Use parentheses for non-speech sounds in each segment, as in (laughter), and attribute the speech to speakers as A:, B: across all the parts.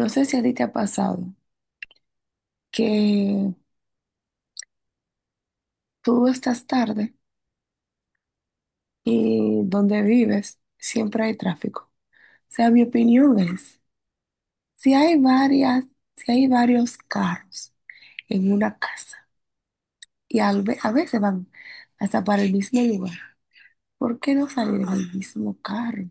A: No sé si a ti te ha pasado que tú estás tarde y donde vives siempre hay tráfico. O sea, mi opinión es, si hay varias, si hay varios carros en una casa y a veces van hasta para el mismo lugar, ¿por qué no salir en el mismo carro?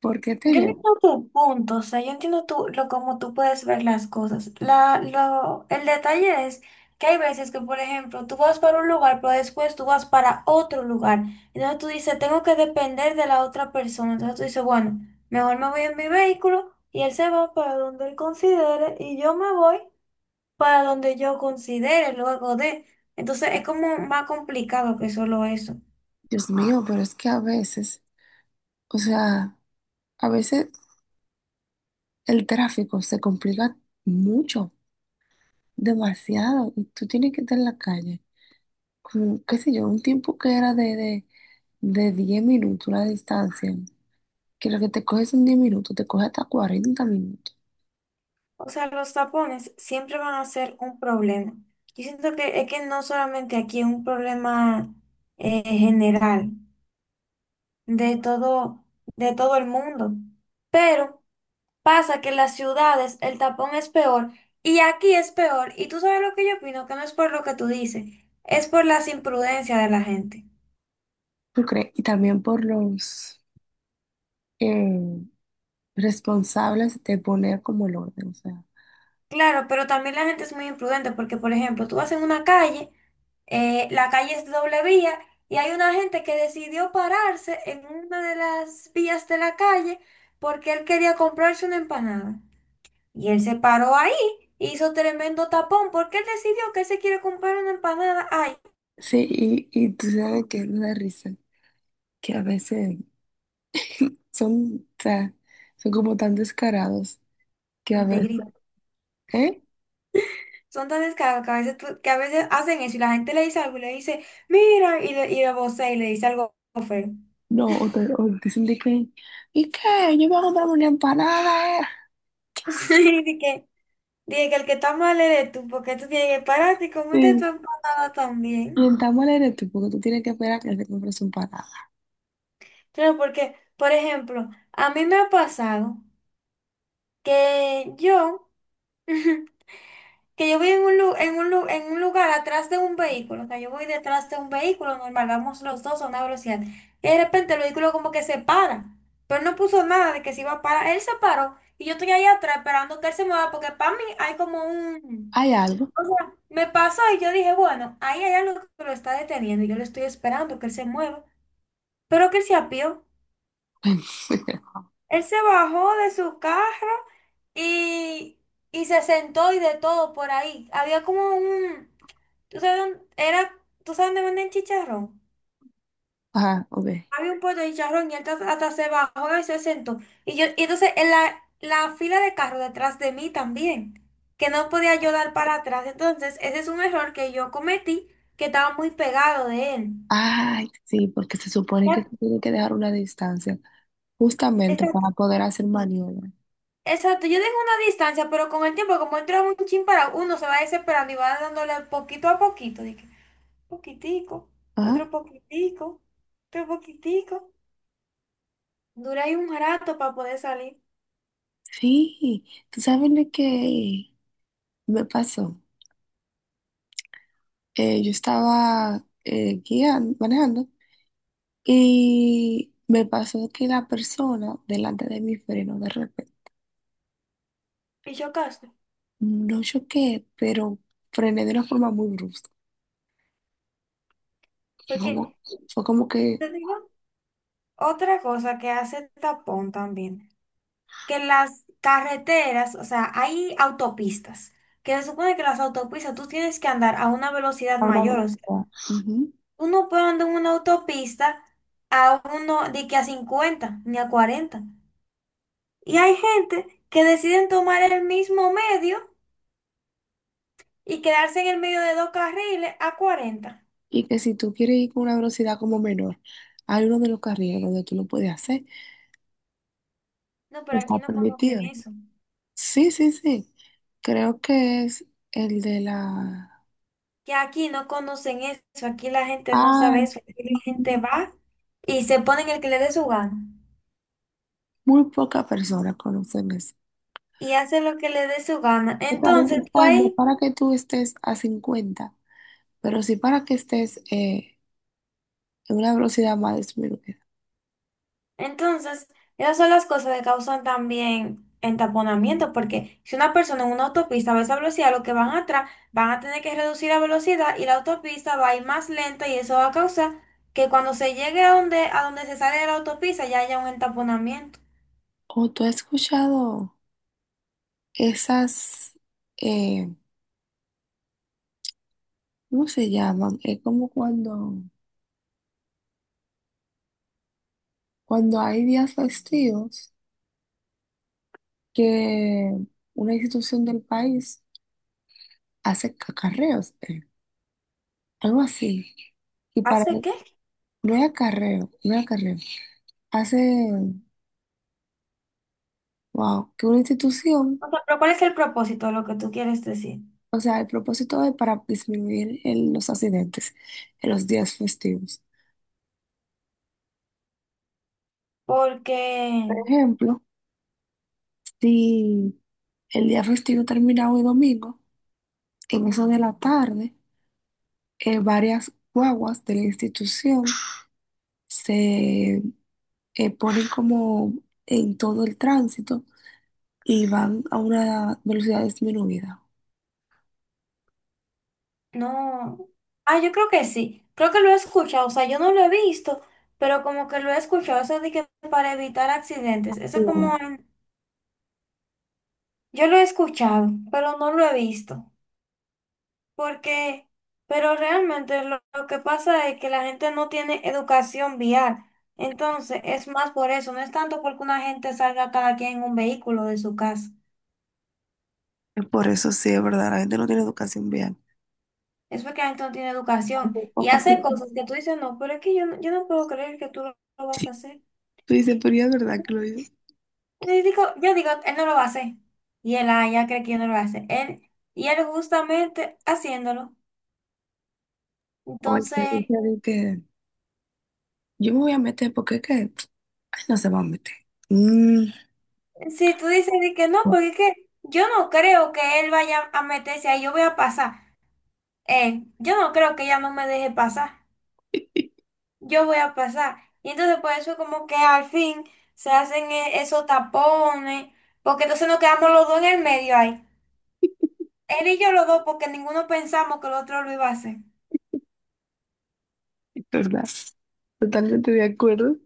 A: ¿Por qué
B: Yo no
A: tener?
B: entiendo tu punto, o sea, yo entiendo tú, lo cómo tú puedes ver las cosas. El detalle es que hay veces que, por ejemplo, tú vas para un lugar, pero después tú vas para otro lugar. Entonces tú dices, tengo que depender de la otra persona. Entonces tú dices, bueno, mejor me voy en mi vehículo y él se va para donde él considere y yo me voy para donde yo considere luego de. Entonces es como más complicado que solo eso.
A: Dios mío, pero es que a veces, o sea, a veces el tráfico se complica mucho, demasiado, y tú tienes que estar en la calle. Como, qué sé yo, un tiempo que era de 10 minutos la distancia, que lo que te coges son 10 minutos, te coge hasta 40 minutos.
B: O sea, los tapones siempre van a ser un problema. Yo siento que es que no solamente aquí es un problema general de todo, de todo el mundo. Pero pasa que en las ciudades el tapón es peor y aquí es peor. Y tú sabes lo que yo opino, que no es por lo que tú dices, es por las imprudencias de la gente.
A: ¿Tú crees? Y también por los eh, responsables de poner como el orden, o sea.
B: Claro, pero también la gente es muy imprudente porque, por ejemplo, tú vas en una calle, la calle es de doble vía y hay una gente que decidió pararse en una de las vías de la calle porque él quería comprarse una empanada. Y él se paró ahí, hizo tremendo tapón porque él decidió que él se quiere comprar una empanada. Ay,
A: Sí, y tú sabes que me da risa, que a veces son, o sea, son como tan descarados que a
B: y te
A: veces,
B: grita.
A: ¿eh?
B: Son tan descarados que a veces, que a veces hacen eso y la gente le dice algo y le dice, mira, y le vocea y le dice algo feo. (laughs)
A: No, o dicen de que, ¿y qué? Yo voy a comprar una empanada, ¿eh?
B: Sí, dije que el que está mal eres tú, porque tú tienes que pararte y comerte tu
A: Sí.
B: empanada también.
A: Intentamos leer tú, porque tú tienes que esperar que él se compre su empanada.
B: Claro, porque, por ejemplo, a mí me ha pasado que yo, (laughs) que yo voy en un, en un lugar atrás de un vehículo, o sea, yo voy detrás de un vehículo normal, vamos los dos a una velocidad, y de repente el vehículo como que se para, pero no puso nada de que se iba a parar, él se paró, y yo estoy ahí atrás esperando que él se mueva, porque para mí hay como un...
A: ¿Hay algo?
B: O sea, me pasó y yo dije, bueno, ahí hay algo que lo está deteniendo y yo lo estoy esperando que él se mueva, pero que él se apió.
A: (laughs)
B: Él se bajó de su carro y, y se sentó y de todo por ahí. Había como un, ¿tú sabes dónde, era, ¿tú sabes dónde venden chicharrón?
A: Ajá, ok.
B: Había un puesto de chicharrón y él hasta, hasta se bajó y se sentó. Y yo, y entonces en la fila de carro detrás de mí también, que no podía yo dar para atrás. Entonces, ese es un error que yo cometí, que estaba muy pegado de él.
A: Ay, sí, porque se supone que
B: Ya,
A: se tiene que dejar una distancia, justamente
B: exacto,
A: para poder hacer maniobra.
B: exacto. Yo dejo una distancia, pero con el tiempo, como entra un chin para uno, se va desesperando y va dándole poquito a poquito. De que, poquitico,
A: Ajá,
B: otro poquitico, otro poquitico. Dura ahí un rato para poder salir
A: sí. ¿Tú sabes lo que me pasó? Yo estaba guiando, manejando, y me pasó que la persona delante de mí frenó de repente.
B: y chocarse.
A: No choqué, pero frené de una forma muy brusca. Fue
B: Porque
A: como, fue como que
B: te digo otra cosa que hace tapón también, que las carreteras, o sea, hay autopistas, que se supone que las autopistas tú tienes que andar a una velocidad
A: a una
B: mayor.
A: velocidad. Ujú.
B: Uno puede andar en una autopista a uno de que a 50 ni a 40. Y hay gente que deciden tomar el mismo medio y quedarse en el medio de dos carriles a 40.
A: Y que si tú quieres ir con una velocidad como menor, hay uno de los carriles donde tú lo puedes hacer.
B: No, pero
A: Está
B: aquí no conocen
A: permitido.
B: eso.
A: Sí, sí, sí. Creo que es el de la...
B: Que aquí no conocen eso. Aquí la gente no
A: Ah,
B: sabe eso. Aquí la gente
A: mm,
B: va y se pone en el que le dé su gana.
A: muy pocas personas conocen eso.
B: Y hace lo que le dé su gana.
A: Está
B: Entonces, tú
A: registrando
B: ahí,
A: para que tú estés a 50 pero sí para que estés en una velocidad más disminuida.
B: entonces, esas son las cosas que causan también entaponamiento, porque si una persona en una autopista va a esa velocidad, los que van atrás van a tener que reducir la velocidad y la autopista va a ir más lenta y eso va a causar que cuando se llegue a donde se sale de la autopista ya haya un entaponamiento.
A: ¿O tú has escuchado esas... eh, cómo se llaman? Es como cuando... Cuando hay días festivos que una institución del país hace acarreos, algo así. Y para,
B: ¿Hace qué?
A: no es acarreo, no es acarreo. Hace, wow, que una institución,
B: O sea, pero ¿cuál es el propósito de lo que tú quieres decir?
A: o sea, el propósito es para disminuir los accidentes en los días festivos.
B: Porque
A: Por ejemplo, si el día festivo termina hoy domingo, en eso de la tarde, varias guaguas de la institución se ponen como en todo el tránsito y van a una velocidad disminuida.
B: no. Ah, yo creo que sí. Creo que lo he escuchado. O sea, yo no lo he visto, pero como que lo he escuchado. Eso de que para evitar accidentes. Eso
A: Wow.
B: como yo lo he escuchado, pero no lo he visto. Porque, pero realmente lo que pasa es que la gente no tiene educación vial. Entonces, es más por eso. No es tanto porque una gente salga cada quien en un vehículo de su casa.
A: Es por eso, sí, es verdad, la gente no tiene educación vial.
B: Es porque la gente no tiene
A: Hay muy
B: educación y
A: poca
B: hace
A: persona.
B: cosas que tú dices, no, pero es que yo, yo no puedo creer que tú lo vas a
A: Sí.
B: hacer.
A: Tú dices, pero ya es verdad que lo dices.
B: Yo digo, él no lo va a hacer. Y él, ah, ya cree que yo no lo voy a hacer. Él, y él justamente haciéndolo.
A: O el que
B: Entonces,
A: dice de que yo me voy a meter porque es que ay, no se va a meter. Mm,
B: si tú dices de que no, porque es
A: (laughs)
B: que yo no creo que él vaya a meterse ahí, yo voy a pasar. Yo no creo que ella no me deje pasar.
A: es
B: Yo voy a pasar. Y entonces por eso como que al fin se hacen esos tapones, porque entonces nos quedamos los dos en el medio ahí. Él y yo los dos, porque ninguno pensamos que el otro lo iba a hacer.
A: verdad. Totalmente de acuerdo.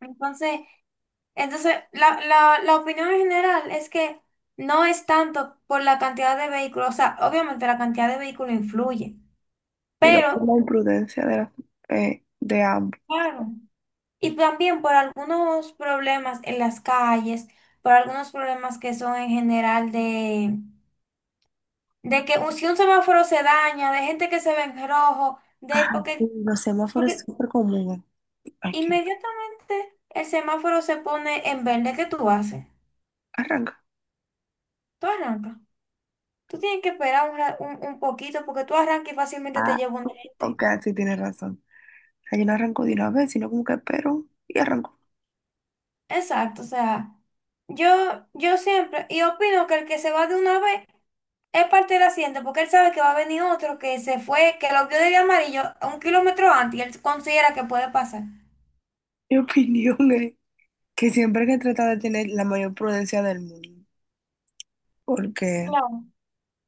B: Entonces... entonces, la opinión en general es que no es tanto por la cantidad de vehículos, o sea, obviamente la cantidad de vehículos influye,
A: Sino por
B: pero
A: la imprudencia de, de ambos.
B: claro, y también por algunos problemas en las calles, por algunos problemas que son en general de que si un semáforo se daña, de gente que se ve en rojo, de
A: Ah, sí,
B: porque,
A: los semáforos es
B: porque
A: súper común. Aquí.
B: inmediatamente el semáforo se pone en verde, ¿qué tú haces?
A: Arranca.
B: Tú arrancas. Tú tienes que esperar un, un poquito porque tú arrancas y fácilmente te
A: Ah,
B: lleva un gente.
A: ok, sí tienes razón. O sea, yo no arranco de una vez, sino como que espero y arranco.
B: Exacto, o sea, yo siempre, y opino que el que se va de una vez es parte del accidente porque él sabe que va a venir otro que se fue, que lo vio de amarillo a 1 kilómetro antes y él considera que puede pasar.
A: Mi (laughs) opinión es que siempre hay que tratar de tener la mayor prudencia del mundo. Porque
B: Claro.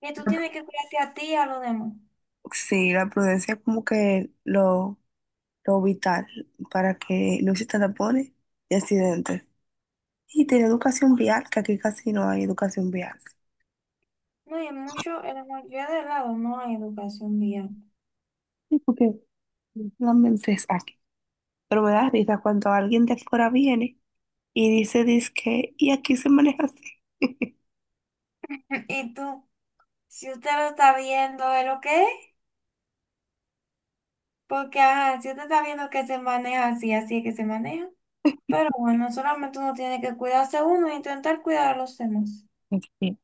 B: Y tú tienes que cuidarte a ti y a los demás.
A: sí, la prudencia es como que lo vital para que no existan tapones y accidentes. Y tener educación vial, que aquí casi no hay educación vial.
B: No, y mucho, en la mayoría de lados no hay educación vial.
A: Sí, porque solamente es aquí. Pero me da risa cuando alguien de afuera viene y dice, dizque, y aquí se maneja así. (laughs)
B: (laughs) Y tú, si usted lo está viendo, ¿es lo que es? Porque, ajá, si usted está viendo que se maneja así, así es que se maneja. Pero bueno, solamente uno tiene que cuidarse uno e intentar cuidar a los demás.
A: Sí.